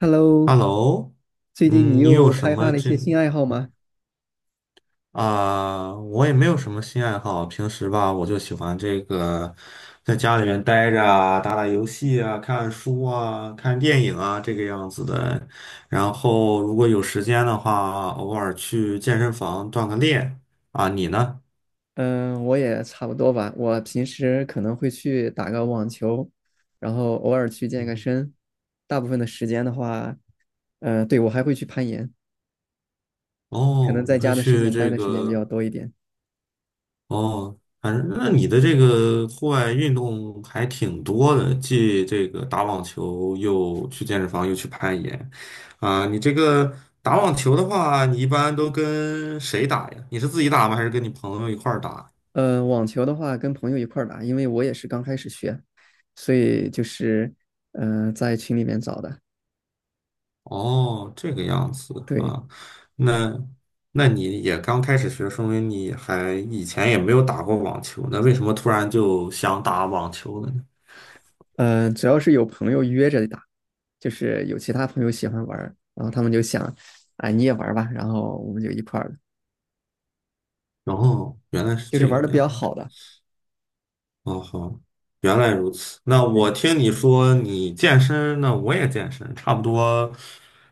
Hello，Hello，最近你嗯，你有又什开发么了一这些新爱好吗？啊、我也没有什么新爱好，平时吧，我就喜欢这个在家里面待着啊，打打游戏啊，看看书啊，看电影啊，这个样子的。然后如果有时间的话，偶尔去健身房锻个炼啊。你呢？嗯，我也差不多吧。我平时可能会去打个网球，然后偶尔去健个嗯，身。大部分的时间的话，对，我还会去攀岩，可能哦，你在会家的时去间待这的时间比个？较多一点。哦，反正那你的这个户外运动还挺多的，既这个打网球，又去健身房，又去攀岩，啊，你这个打网球的话，你一般都跟谁打呀？你是自己打吗？还是跟你朋友一块儿打？网球的话跟朋友一块儿打，因为我也是刚开始学，所以就是在群里面找的。哦，这个样子对，啊，那那你也刚开始学，说明你还以前也没有打过网球，那为什么突然就想打网球了呢？主要是有朋友约着打，就是有其他朋友喜欢玩儿然后他们就想，啊，你也玩儿吧，然后我们就一块儿，然后原来是就是这个玩的比较样好的。哦好，原来如此。那对，我听你说你健身，那我也健身，差不多。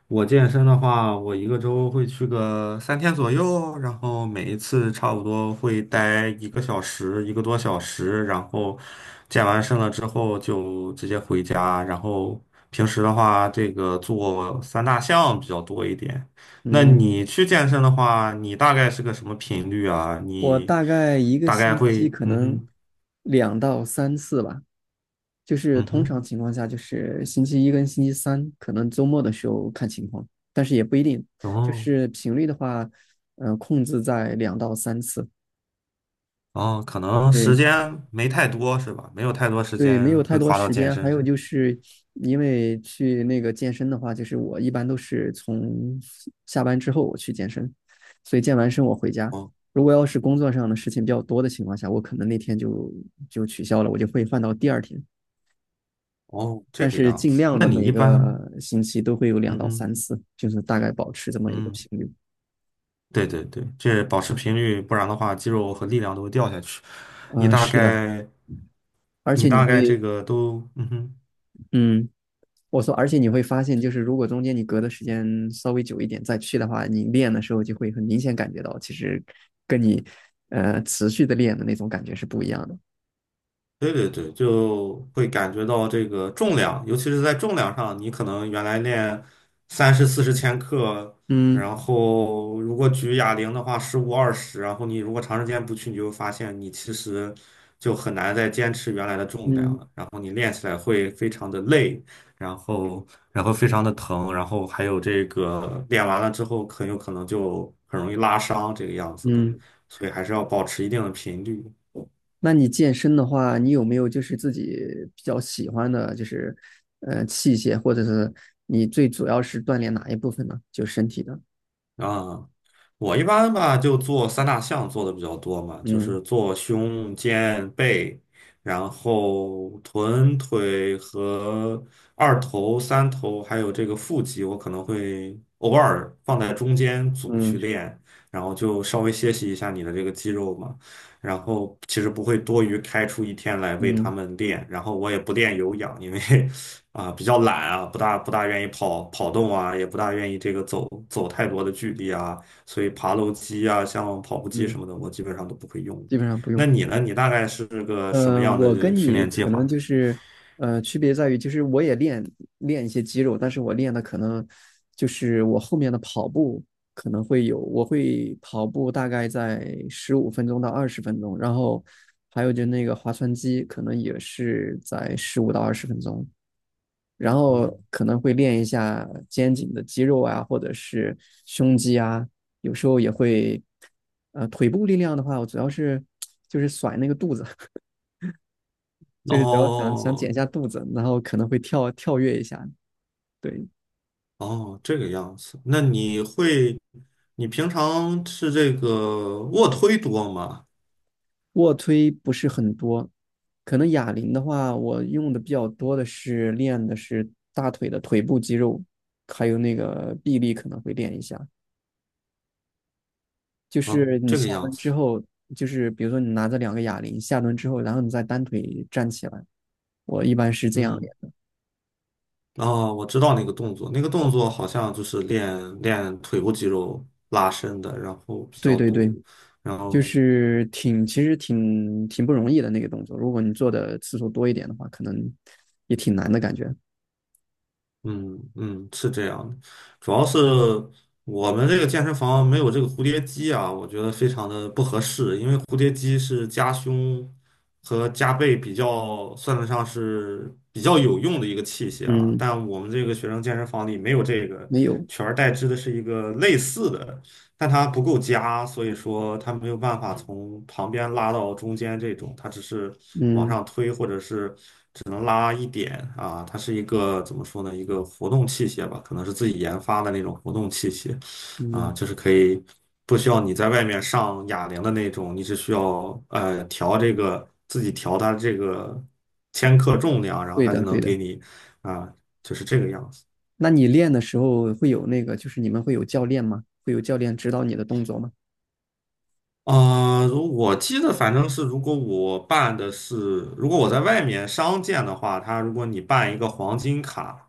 我健身的话，我一个周会去个3天左右，然后每一次差不多会待一个小时，一个多小时，然后健完身了之后就直接回家。然后平时的话，这个做三大项比较多一点。那嗯，你去健身的话，你大概是个什么频率啊？我你大概一个大概星会，期可嗯能哼，两到三次吧，就是嗯通常哼。情况下就是星期一跟星期三，可能周末的时候看情况，但是也不一定，就哦是频率的话，控制在两到三次。哦，可能时对。间没太多是吧？没有太多时对，没间有太会多花到时健间。还身有上。就是，因为去那个健身的话，就是我一般都是从下班之后我去健身，所以健完身我回家。哦如果要是工作上的事情比较多的情况下，我可能那天就取消了，我就会放到第二天。哦，这但个是样尽子。量那的你每一般，个星期都会有两嗯到哼，三次，就是大概保持这么一个嗯，频率。对对对，这保持频率，不然的话，肌肉和力量都会掉下去。你啊、大是的，概，而你且你大会，概这个都，嗯哼，嗯，我说，而且你会发现，就是如果中间你隔的时间稍微久一点再去的话，你练的时候就会很明显感觉到，其实跟你持续的练的那种感觉是不一样的。对对对，就会感觉到这个重量，尤其是在重量上，你可能原来练30、40千克，嗯然后如果举哑铃的话，15、20，然后你如果长时间不去，你就会发现你其实就很难再坚持原来的重量嗯了，然后你练起来会非常的累，然后非常的疼，然后还有这个练完了之后，很有可能就很容易拉伤这个样子的，嗯。所以还是要保持一定的频率。那你健身的话，你有没有就是自己比较喜欢的，就是器械，或者是你最主要是锻炼哪一部分呢？就身体的。啊，我一般吧就做三大项做的比较多嘛，就嗯是做胸、肩、背，然后臀、腿和二头、三头，还有这个腹肌，我可能会偶尔放在中间组嗯去练，然后就稍微歇息一下你的这个肌肉嘛。然后其实不会多余开出一天来为他嗯们练，然后我也不练有氧，因为 啊，比较懒啊，不大愿意跑跑动啊，也不大愿意这个走走太多的距离啊，所以爬楼机啊，像跑步机嗯，什么的，我基本上都不会用。基本上不那用。你呢？你大概是个什嗯、么样我跟的训你练计可划能呢就是，区别在于，就是我也练练一些肌肉，但是我练的可能就是我后面的跑步可能会有，我会跑步大概在15分钟到20分钟，然后还有就那个划船机可能也是在15到20分钟，然后嗯，可能会练一下肩颈的肌肉啊，或者是胸肌啊，有时候也会，腿部力量的话，我主要是 就是甩那个肚子。就是只要想想减一哦下肚子，然后可能会跳跳跃一下。对，哦，这个样子。那你会，你平常是这个卧推多吗？卧推不是很多，可能哑铃的话，我用的比较多的是练的是大腿的腿部肌肉，还有那个臂力可能会练一下。就啊，是你这下个样蹲之子。后，就是比如说你拿着两个哑铃下蹲之后，然后你再单腿站起来，我一般是这样嗯。练。哦，我知道那个动作，那个动作好像就是练练腿部肌肉拉伸的，然后比对较对对，多，然就后是挺其实挺挺不容易的那个动作，如果你做的次数多一点的话，可能也挺难的感觉。嗯嗯，是这样的，主要是我们这个健身房没有这个蝴蝶机啊，我觉得非常的不合适，因为蝴蝶机是夹胸和夹背比较算得上是比较有用的一个器械啊，嗯，但我们这个学生健身房里没有这个，没有，取而代之的是一个类似的，但它不够夹，所以说它没有办法从旁边拉到中间这种，它只是往嗯上推或者是只能拉一点啊，它是一个怎么说呢？一个活动器械吧，可能是自己研发的那种活动器械，啊，嗯，就是可以不需要你在外面上哑铃的那种，你只需要调这个自己调它这个千克重量，然后对它的就能对的。给你啊，就是这个样子。那你练的时候会有那个，就是你们会有教练吗？会有教练指导你的动作吗？啊，如我记得反正是，如果我在外面商店的话，如果你办一个黄金卡，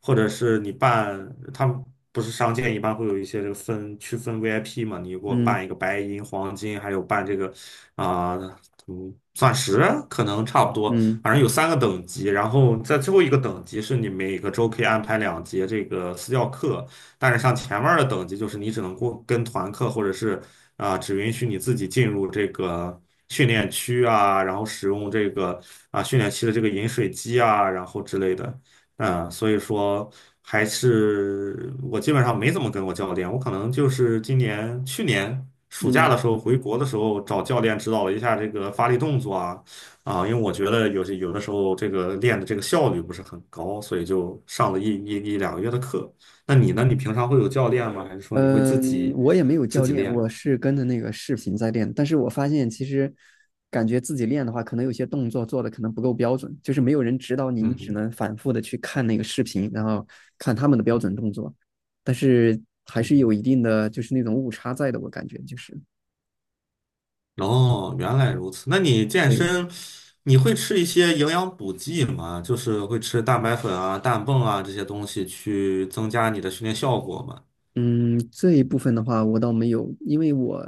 或者是你办，他们不是商店一般会有一些这个分区分 VIP 嘛，你给我嗯办一个白银、黄金，还有办这个啊、嗯，钻石啊，可能差不多，嗯反正有三个等级，然后在最后一个等级是你每个周可以安排两节这个私教课，但是像前面的等级，就是你只能过跟团课，或者是啊、只允许你自己进入这个训练区啊，然后使用这个啊、训练期的这个饮水机啊，然后之类的。嗯，所以说还是我基本上没怎么跟过教练，我可能就是今年去年暑假嗯的时候回国的时候找教练指导了一下这个发力动作啊啊，因为我觉得有的时候这个练的这个效率不是很高，所以就上了一一一2个月的课。那你呢？你嗯，平常会有教练吗？还是说你会自嗯己我也没有自教己练，练？我是跟着那个视频在练。但是我发现其实感觉自己练的话，可能有些动作做的可能不够标准，就是没有人指导你，嗯你只嗯能反复的去看那个视频，然后看他们的标准动作。但是还嗯是哼，有一定的就是那种误差在的，我感觉就是。哦，原来如此。那你健对身，你会吃一些营养补剂吗？就是会吃蛋白粉啊、氮泵啊这些东西去增加你的训练效果吗？嗯，这一部分的话，我倒没有，因为我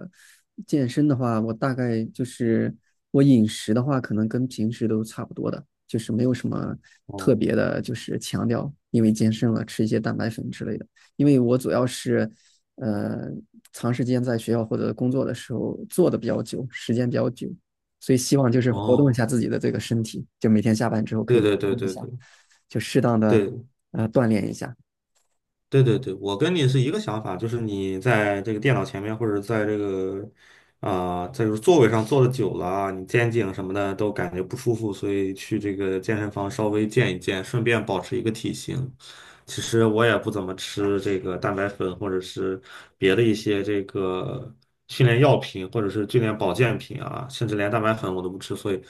健身的话，我大概就是我饮食的话，可能跟平时都差不多的，就是没有什么哦特别的，就是强调，因为健身了吃一些蛋白粉之类的。因为我主要是，呃，长时间在学校或者工作的时候坐的比较久，时间比较久，所以希望就是活动一哦，下自己的这个身体，就每天下班之后可对以对对动一对下，对就适当的对，锻炼一下。对对对，我跟你是一个想法，就是你在这个电脑前面或者在这个啊、在这个座位上坐的久了啊，你肩颈什么的都感觉不舒服，所以去这个健身房稍微健一健，顺便保持一个体型。其实我也不怎么吃这个蛋白粉或者是别的一些这个训练药品或者是训练保健品啊，甚至连蛋白粉我都不吃，所以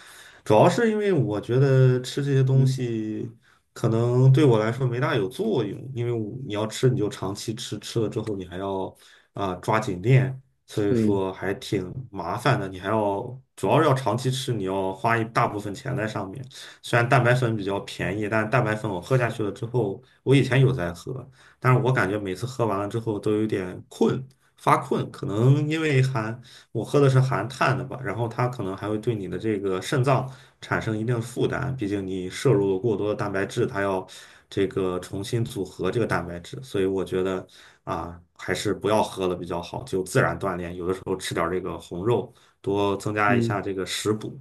主要是因为我觉得吃这些东嗯，西可能对我来说没大有作用，因为我你要吃你就长期吃，吃了之后你还要啊、抓紧练，所以对，说还挺麻烦的。你还要主要是要长期吃，你要花一大部分钱在上面。虽然蛋白粉比较便宜，但蛋白粉我喝下去了之后，我以前有在喝，但是我感觉每次喝完了之后都有点困，发困，可能因为含我喝的是含碳的吧，然后它可能还会对你的这个肾脏产生一定的负担，毕竟你摄入了过多的蛋白质，它要这个重新组合这个蛋白质，所以我觉得啊，还是不要喝了比较好，就自然锻炼，有的时候吃点儿这个红肉，多增加一嗯，下这个食补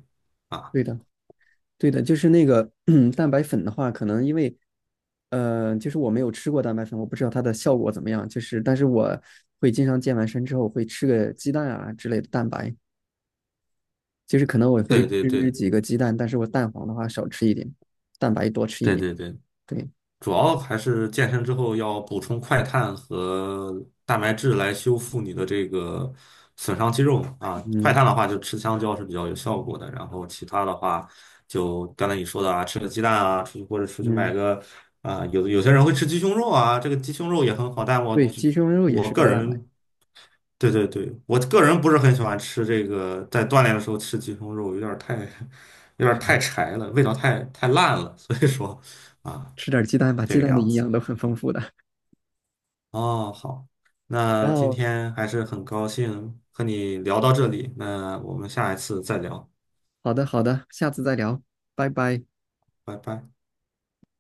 啊。对的。对的，就是那个 蛋白粉的话，可能因为，就是我没有吃过蛋白粉，我不知道它的效果怎么样。就是，但是我会经常健完身之后会吃个鸡蛋啊之类的蛋白，就是可能我会对对吃对几个鸡蛋，但是我蛋黄的话少吃一点，蛋白多吃一对点。对对，对，主要还是健身之后要补充快碳和蛋白质来修复你的这个损伤肌肉嘛啊。快嗯碳的话，就吃香蕉是比较有效果的，然后其他的话，就刚才你说的啊，吃个鸡蛋啊，出去或者出去买嗯，个啊，有些人会吃鸡胸肉啊，这个鸡胸肉也很好，但我对，只鸡胸肉也我是个高蛋白，人，对对对，我个人不是很喜欢吃这个，在锻炼的时候吃鸡胸肉有点儿太 有点儿太柴了，味道太烂了，所以说啊，吃点鸡蛋吧，这鸡个蛋的样营子。养都很丰富的。哦，好，然那今后，天还是很高兴和你聊到这里，那我们下一次再聊，好的好的，下次再聊，拜拜。拜拜。